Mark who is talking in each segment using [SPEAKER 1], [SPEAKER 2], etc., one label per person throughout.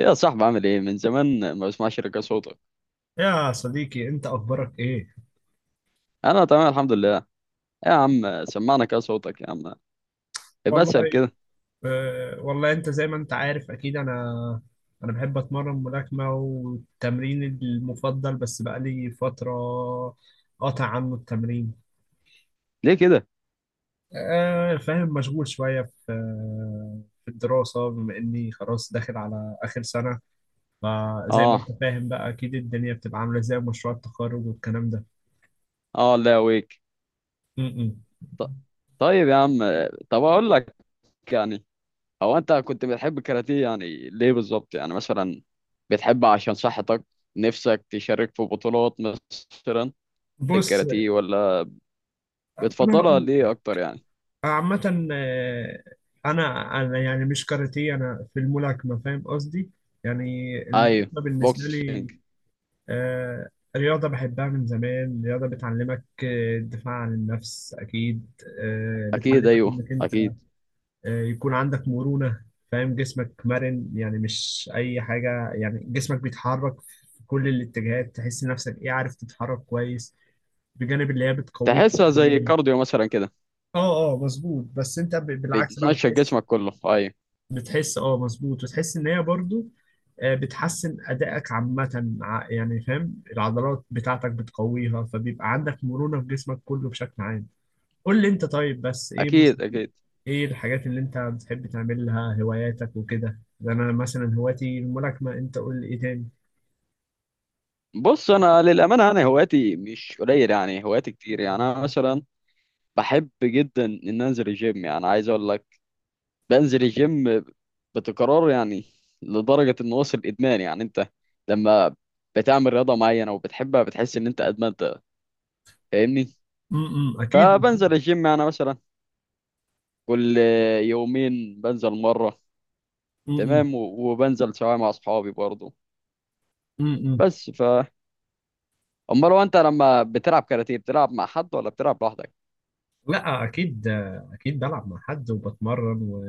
[SPEAKER 1] يا صاحبي، عامل ايه؟ من زمان ما بسمعش رجع صوتك.
[SPEAKER 2] يا صديقي، انت اخبارك ايه؟
[SPEAKER 1] انا تمام، الحمد لله. إيه يا عم؟ سمعنا كده صوتك يا عم. إيه
[SPEAKER 2] والله.
[SPEAKER 1] بسأل كده؟
[SPEAKER 2] والله انت زي ما انت عارف، اكيد انا بحب اتمرن ملاكمة، والتمرين المفضل، بس بقالي فترة قاطع عنه التمرين.
[SPEAKER 1] ليه كده؟
[SPEAKER 2] فاهم، مشغول شوية في الدراسة، بما اني خلاص داخل على اخر سنة، فزي ما انت
[SPEAKER 1] اه
[SPEAKER 2] فاهم بقى اكيد الدنيا بتبقى عاملة ازاي، مشروع التخرج والكلام ده.
[SPEAKER 1] اه، لا ويك.
[SPEAKER 2] م -م.
[SPEAKER 1] ط- طيب يا عم، طب اقول لك، يعني، هو انت كنت بتحب الكاراتيه يعني ليه بالظبط يعني؟ مثلا بتحب عشان صحتك؟ نفسك تشارك في بطولات مثلا
[SPEAKER 2] بص،
[SPEAKER 1] للكاراتيه، ولا
[SPEAKER 2] انا
[SPEAKER 1] بتفضلها ليه
[SPEAKER 2] هقول
[SPEAKER 1] اكتر يعني؟
[SPEAKER 2] عامة. أنا يعني مش كاراتيه، أنا في الملاكمة، فاهم قصدي؟ يعني
[SPEAKER 1] ايوه،
[SPEAKER 2] الملاكمة بالنسبة لي
[SPEAKER 1] بوكسينج.
[SPEAKER 2] آه، رياضة بحبها من زمان، رياضة بتعلمك الدفاع عن النفس أكيد،
[SPEAKER 1] اكيد
[SPEAKER 2] بتعلمك
[SPEAKER 1] ايوه
[SPEAKER 2] إنك أنت
[SPEAKER 1] اكيد.
[SPEAKER 2] يكون عندك مرونة، فاهم، جسمك مرن، يعني مش أي حاجة، يعني جسمك بيتحرك في كل الاتجاهات، تحس نفسك إيه، عارف، تتحرك كويس، بجانب اللي هي بتقويك.
[SPEAKER 1] تحسها زي كارديو مثلا كده،
[SPEAKER 2] اه، اه، مظبوط، بس انت بالعكس بقى
[SPEAKER 1] بتمشى
[SPEAKER 2] بتحس
[SPEAKER 1] جسمك كله، ايوه.
[SPEAKER 2] بتحس مظبوط، وتحس ان هي برضو بتحسن ادائك عامه، يعني فاهم، العضلات بتاعتك بتقويها، فبيبقى عندك مرونه في جسمك كله بشكل عام. قول لي انت، طيب بس ايه مثلا،
[SPEAKER 1] اكيد اكيد.
[SPEAKER 2] ايه الحاجات اللي انت بتحب تعملها، هواياتك وكده؟ ده انا مثلا هوايتي الملاكمه، انت قول لي ايه تاني.
[SPEAKER 1] بص، انا للامانه هواياتي مش قليل، يعني هواياتي كتير. يعني انا مثلا بحب جدا ان انزل الجيم، يعني عايز اقول لك بنزل الجيم بتكرار يعني، لدرجه انه وصل ادمان. يعني انت لما بتعمل رياضه معينه وبتحبها بتحس ان انت ادمنتها، فاهمني؟
[SPEAKER 2] اكيد.
[SPEAKER 1] فبنزل الجيم يعني مثلا كل يومين بنزل مره،
[SPEAKER 2] امم
[SPEAKER 1] تمام. و- وبنزل سواء مع اصحابي برضه.
[SPEAKER 2] امم
[SPEAKER 1] بس، امال هو انت لما بتلعب كاراتيه بتلعب مع حد ولا بتلعب لوحدك؟
[SPEAKER 2] لا، اكيد آه، اكيد بلعب مع حد وبتمرن،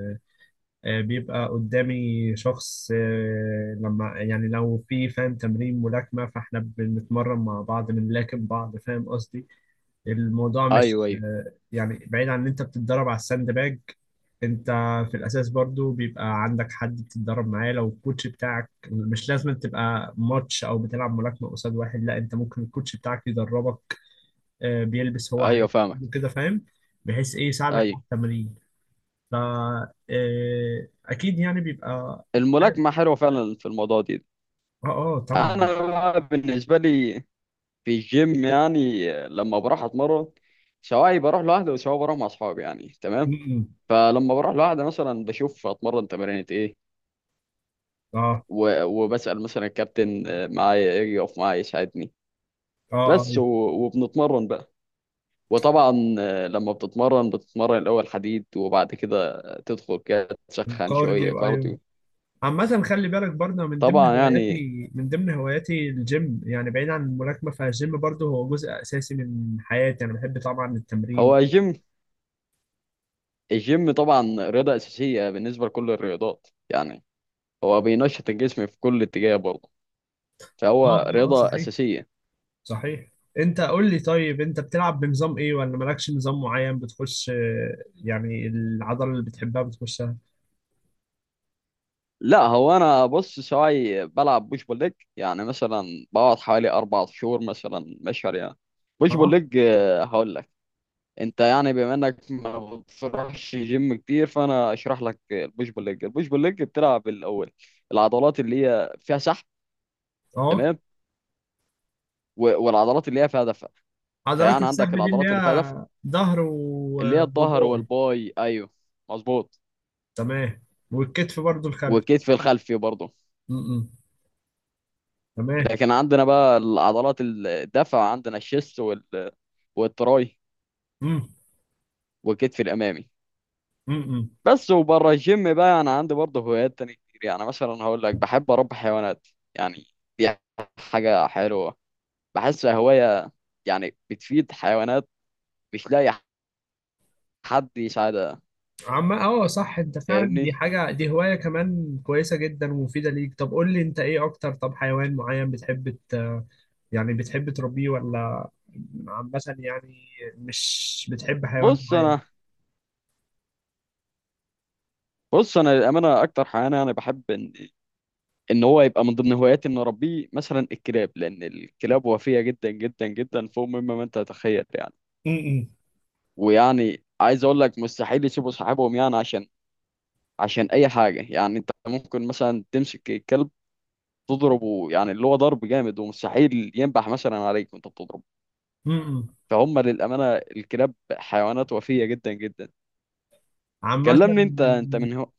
[SPEAKER 2] بيبقى قدامي شخص، لما يعني لو في، فاهم، تمرين ملاكمة، فاحنا بنتمرن مع بعض، بنلاكم بعض، فاهم قصدي. الموضوع
[SPEAKER 1] ايوه
[SPEAKER 2] مش
[SPEAKER 1] ايوه،
[SPEAKER 2] يعني بعيد عن ان انت بتتدرب على الساند باج، انت في الاساس برضو بيبقى عندك حد بتتدرب معاه، لو الكوتش بتاعك، مش لازم تبقى ماتش او بتلعب ملاكمة قصاد واحد، لا، انت ممكن الكوتش بتاعك يدربك، بيلبس هو
[SPEAKER 1] ايوه
[SPEAKER 2] حاجات
[SPEAKER 1] فاهمك.
[SPEAKER 2] كده، فاهم، بحيث ايه يساعدك
[SPEAKER 1] ايوه،
[SPEAKER 2] على التمرين. ف آه، اكيد يعني بيبقى، اه،
[SPEAKER 1] الملاكمه حلوه فعلا في الموضوع دي.
[SPEAKER 2] اه، طبعا.
[SPEAKER 1] انا بقى بالنسبه لي في الجيم، يعني لما بروح اتمرن، سواء بروح لوحدي وسواء بروح مع اصحابي يعني، تمام.
[SPEAKER 2] م-م.
[SPEAKER 1] فلما بروح لوحدي مثلا بشوف اتمرن تمارين ايه،
[SPEAKER 2] اه،
[SPEAKER 1] و- وبسال مثلا الكابتن معايا ايه، يقف معايا يساعدني.
[SPEAKER 2] اه، اه،
[SPEAKER 1] بس و- وبنتمرن بقى. وطبعا لما بتتمرن بتتمرن الأول حديد، وبعد كده تدخل كده تسخن شوية
[SPEAKER 2] الكارديو، ايوه.
[SPEAKER 1] كارديو.
[SPEAKER 2] عامة خلي بالك برضه، من ضمن
[SPEAKER 1] طبعا يعني،
[SPEAKER 2] هواياتي من ضمن هواياتي الجيم، يعني بعيد عن الملاكمة، فالجيم برضه هو جزء اساسي من حياتي، انا بحب طبعا
[SPEAKER 1] هو
[SPEAKER 2] التمرين.
[SPEAKER 1] الجيم الجيم طبعا رياضة أساسية بالنسبة لكل الرياضات يعني، هو بينشط الجسم في كل اتجاه برضه،
[SPEAKER 2] اه،
[SPEAKER 1] فهو
[SPEAKER 2] اه، اه،
[SPEAKER 1] رياضة
[SPEAKER 2] صحيح،
[SPEAKER 1] أساسية.
[SPEAKER 2] صحيح. انت قول لي، طيب انت بتلعب بنظام ايه ولا مالكش نظام معين، بتخش يعني العضلة اللي بتحبها بتخشها؟
[SPEAKER 1] لا، هو أنا بص سواعي بلعب بوش بول ليج، يعني مثلا بقعد حوالي أربع شهور، مثلا مشهر يعني. بوش بول
[SPEAKER 2] اه،
[SPEAKER 1] ليج، هقول لك. انت يعني بما انك ما بتروحش جيم كتير، فانا اشرح لك البوش بول ليج. البوش بول ليج بتلعب الاول العضلات اللي هي فيها سحب،
[SPEAKER 2] اه.
[SPEAKER 1] تمام. و- والعضلات اللي هي فيها دفع.
[SPEAKER 2] عضلات
[SPEAKER 1] فيعني عندك
[SPEAKER 2] السحب دي اللي
[SPEAKER 1] العضلات اللي فيها دفع،
[SPEAKER 2] هي ظهر
[SPEAKER 1] اللي هي الظهر
[SPEAKER 2] وباي.
[SPEAKER 1] والباي، ايوه مظبوط.
[SPEAKER 2] تمام، والكتف برضو الخلفي.
[SPEAKER 1] والكتف الخلفي برضه.
[SPEAKER 2] م- م. تمام.
[SPEAKER 1] لكن عندنا بقى العضلات الدفع عندنا الشيست والتراي
[SPEAKER 2] م-
[SPEAKER 1] والكتف الامامي.
[SPEAKER 2] م- م.
[SPEAKER 1] بس، وبره الجيم بقى انا عندي برضه هوايات تانية كتير، يعني مثلا هقول لك بحب اربي حيوانات، يعني دي حاجة حلوة، بحسها هواية يعني، بتفيد حيوانات مش لاقي حد يساعدها،
[SPEAKER 2] عم، اه، صح، انت فعلا دي
[SPEAKER 1] فاهمني؟
[SPEAKER 2] حاجة، دي هواية كمان كويسة جدا ومفيدة ليك. طب قول لي انت، ايه اكتر، طب حيوان معين بتحب يعني بتحب تربيه، ولا عامة يعني مش بتحب حيوان
[SPEAKER 1] بص
[SPEAKER 2] معين؟
[SPEAKER 1] انا بص انا للامانه اكتر حيوان انا بحب ان هو يبقى من ضمن هواياتي ان اربيه مثلا الكلاب، لان الكلاب وفيه جدا جدا جدا فوق مما ما انت تتخيل يعني.
[SPEAKER 2] م- م.
[SPEAKER 1] ويعني عايز اقول لك مستحيل يسيبوا صاحبهم، يعني عشان اي حاجه يعني انت ممكن مثلا تمسك الكلب تضربه، يعني اللي هو ضرب جامد، ومستحيل ينبح مثلا عليك وانت بتضربه.
[SPEAKER 2] م- م.
[SPEAKER 1] فهم للأمانة الكلاب حيوانات وفية جدا جدا.
[SPEAKER 2] عامة
[SPEAKER 1] كلمني انت من هو،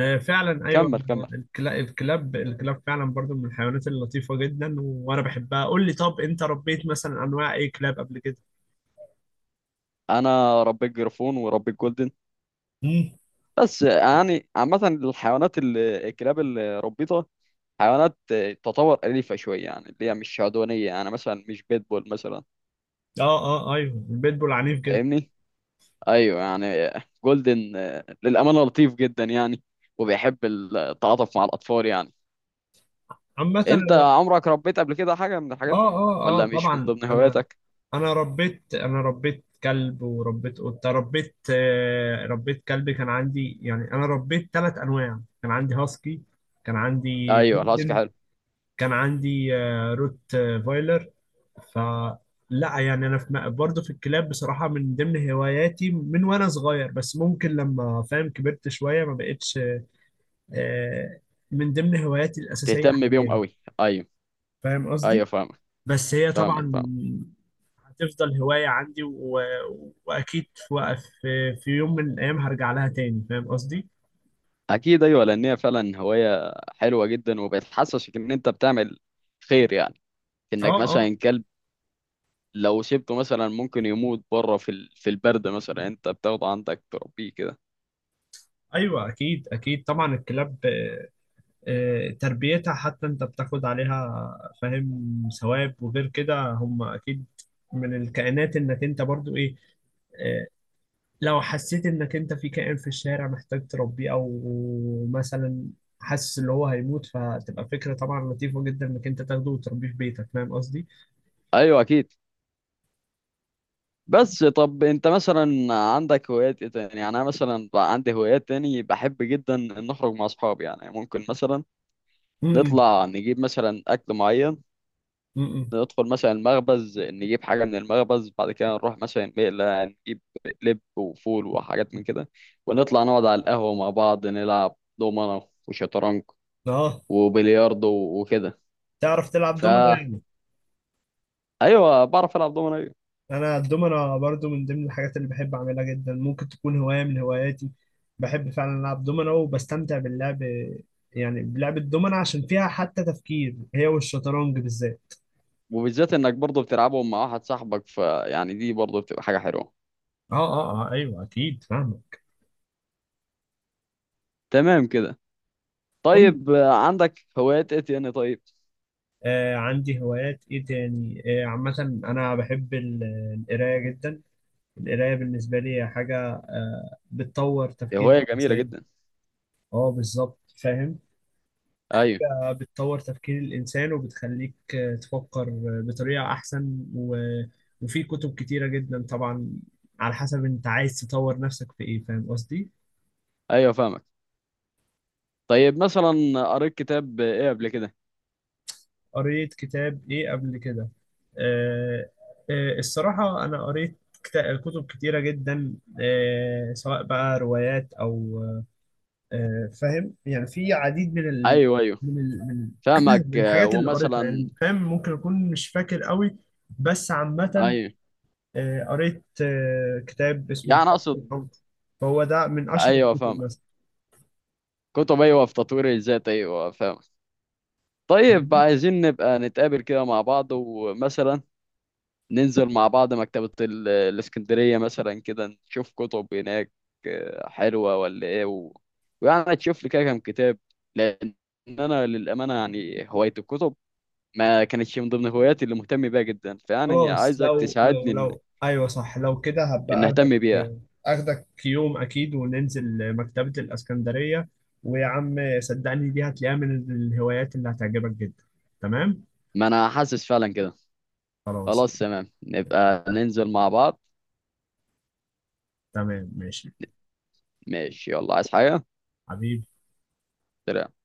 [SPEAKER 2] فعلا ايوه.
[SPEAKER 1] كمل كمل.
[SPEAKER 2] الكلاب فعلا برضو من الحيوانات اللطيفه جدا، وانا بحبها. قول لي، طب انت ربيت مثلا انواع ايه كلاب قبل كده؟
[SPEAKER 1] انا ربيت جرفون وربيت جولدن.
[SPEAKER 2] امم
[SPEAKER 1] بس يعني عامة الحيوانات الكلاب اللي ربيتها حيوانات تطور أليفة شوية، يعني اللي هي مش عدوانية يعني، مثلا مش بيتبول مثلا،
[SPEAKER 2] اه، اه، ايوه، البيتبول عنيف جدا.
[SPEAKER 1] فاهمني؟ أيوه يعني. جولدن للأمانة لطيف جدا يعني، وبيحب التعاطف مع الأطفال يعني.
[SPEAKER 2] عامه
[SPEAKER 1] انت
[SPEAKER 2] انا،
[SPEAKER 1] عمرك ربيت قبل كده حاجه من الحاجات
[SPEAKER 2] اه،
[SPEAKER 1] دي
[SPEAKER 2] اه، اه،
[SPEAKER 1] ولا مش من
[SPEAKER 2] طبعا،
[SPEAKER 1] ضمن
[SPEAKER 2] انا
[SPEAKER 1] هواياتك؟
[SPEAKER 2] انا ربيت انا ربيت كلب، وربيت قطه، ربيت كلب. كان عندي، يعني انا ربيت 3 انواع، كان عندي هاسكي، كان عندي
[SPEAKER 1] ايوه، العسكر
[SPEAKER 2] جولدن،
[SPEAKER 1] حلو.
[SPEAKER 2] كان عندي روت فايلر. فلا يعني انا في برضه في الكلاب بصراحه، من ضمن هواياتي من وانا صغير، بس ممكن لما فاهم كبرت شويه ما بقتش آه، من ضمن هواياتي الاساسيه
[SPEAKER 1] تهتم بيهم
[SPEAKER 2] حاليا،
[SPEAKER 1] قوي، ايوه.
[SPEAKER 2] فاهم
[SPEAKER 1] ايوه
[SPEAKER 2] قصدي.
[SPEAKER 1] فاهمك،
[SPEAKER 2] بس هي طبعا
[SPEAKER 1] فاهمك فاهمك.
[SPEAKER 2] هتفضل هوايه عندي، واكيد في في يوم من الايام هرجع لها تاني، فاهم قصدي.
[SPEAKER 1] اكيد ايوه، لان هي فعلا هوايه حلوه جدا، وبتحسسك ان انت بتعمل خير يعني.
[SPEAKER 2] اه،
[SPEAKER 1] انك
[SPEAKER 2] اه،
[SPEAKER 1] مثلا كلب لو سيبته مثلا ممكن يموت بره في البرد مثلا، انت بتاخده عندك تربيه كده.
[SPEAKER 2] ايوه، اكيد، اكيد، طبعا الكلاب تربيتها، حتى انت بتاخد عليها فاهم ثواب. وغير كده هم اكيد من الكائنات، انك انت برضو ايه، آه، لو حسيت انك انت في كائن في الشارع محتاج تربيه، او مثلا حاسس ان هو هيموت، فتبقى فكرة طبعا لطيفة جدا انك انت تاخده وتربيه في بيتك، فاهم قصدي؟
[SPEAKER 1] ايوه اكيد. بس طب انت مثلا عندك هوايات ايه تاني؟ يعني انا مثلا بقى عندي هوايات تاني بحب جدا ان اخرج مع اصحابي، يعني ممكن مثلا
[SPEAKER 2] امم
[SPEAKER 1] نطلع نجيب مثلا أكل معين،
[SPEAKER 2] امم
[SPEAKER 1] ندخل مثلا المخبز نجيب حاجة من المخبز، بعد كده نروح مثلا مقلة نجيب لب وفول وحاجات من كده، ونطلع نقعد على القهوة مع بعض نلعب دومنة وشطرنج
[SPEAKER 2] اه
[SPEAKER 1] وبلياردو وكده.
[SPEAKER 2] تعرف تلعب دومنا
[SPEAKER 1] فا
[SPEAKER 2] يعني؟
[SPEAKER 1] أيوة بعرف ألعب دومنة أيوة.
[SPEAKER 2] انا الدومنة برضو من ضمن الحاجات اللي بحب اعملها جدا، ممكن تكون هواية من هواياتي. بحب فعلا العب دومنة، وبستمتع باللعب، يعني بلعب الدومنة عشان فيها حتى تفكير، هي والشطرنج بالذات.
[SPEAKER 1] وبالذات إنك برضه بتلعبهم مع واحد صاحبك، فيعني دي برضه بتبقى حاجة حلوة.
[SPEAKER 2] اه، اه، اه، ايوه، اكيد، فاهمك.
[SPEAKER 1] تمام كده.
[SPEAKER 2] قول لي،
[SPEAKER 1] طيب عندك هوايات إيه تاني طيب؟
[SPEAKER 2] عندي هوايات ايه تاني. عامة انا بحب القراية جدا. القراية بالنسبة لي هي حاجة بتطور تفكير
[SPEAKER 1] هواية جميلة
[SPEAKER 2] الانسان.
[SPEAKER 1] جدا.
[SPEAKER 2] اه، بالظبط، فاهم.
[SPEAKER 1] أيوة.
[SPEAKER 2] حاجة بتطور تفكير الإنسان وبتخليك تفكر بطريقة أحسن، وفي كتب كتيرة جدا طبعا، على حسب أنت عايز تطور نفسك في إيه، فاهم قصدي؟
[SPEAKER 1] أيوة فاهمك. طيب مثلا قريت كتاب إيه قبل كده؟
[SPEAKER 2] قريت كتاب إيه قبل كده؟ آه الصراحة أنا قريت كتب كتيرة جدا، سواء بقى روايات، أو فاهم يعني في عديد من ال...
[SPEAKER 1] ايوه ايوه
[SPEAKER 2] من ال... من
[SPEAKER 1] فاهمك.
[SPEAKER 2] من الحاجات اللي قريتها،
[SPEAKER 1] ومثلا
[SPEAKER 2] يعني فاهم، ممكن أكون مش فاكر قوي. بس عامة
[SPEAKER 1] ايوه،
[SPEAKER 2] قريت كتاب اسمه
[SPEAKER 1] يعني
[SPEAKER 2] كتاب
[SPEAKER 1] اقصد،
[SPEAKER 2] الحب، فهو ده من أشهر
[SPEAKER 1] ايوه
[SPEAKER 2] الكتب
[SPEAKER 1] فاهمك.
[SPEAKER 2] مثلا.
[SPEAKER 1] كتب، ايوه، في تطوير الذات، ايوه فاهمك. طيب بقى عايزين نبقى نتقابل كده مع بعض، ومثلا ننزل مع بعض مكتبة الاسكندرية مثلا كده، نشوف كتب هناك حلوة ولا ايه، ويعني تشوف لي كده كام كتاب. لان انا للامانة يعني هواية الكتب ما كانتش من ضمن هواياتي اللي مهتم بيها جدا، فيعني
[SPEAKER 2] خلاص،
[SPEAKER 1] عايزك
[SPEAKER 2] لو
[SPEAKER 1] تساعدني
[SPEAKER 2] لو لو أيوه صح، لو كده
[SPEAKER 1] إن
[SPEAKER 2] هبقى أخدك
[SPEAKER 1] اهتم بيها.
[SPEAKER 2] آه، أخدك يوم أكيد، وننزل مكتبة الإسكندرية، ويا عم صدقني، دي هتلاقيها من الهوايات اللي هتعجبك جدا. تمام،
[SPEAKER 1] ما انا حاسس فعلا كده.
[SPEAKER 2] خلاص،
[SPEAKER 1] خلاص تمام، نبقى ننزل مع بعض.
[SPEAKER 2] تمام، ماشي.
[SPEAKER 1] ماشي، يلا. عايز حاجة؟
[SPEAKER 2] حبيبي.
[SPEAKER 1] سلام.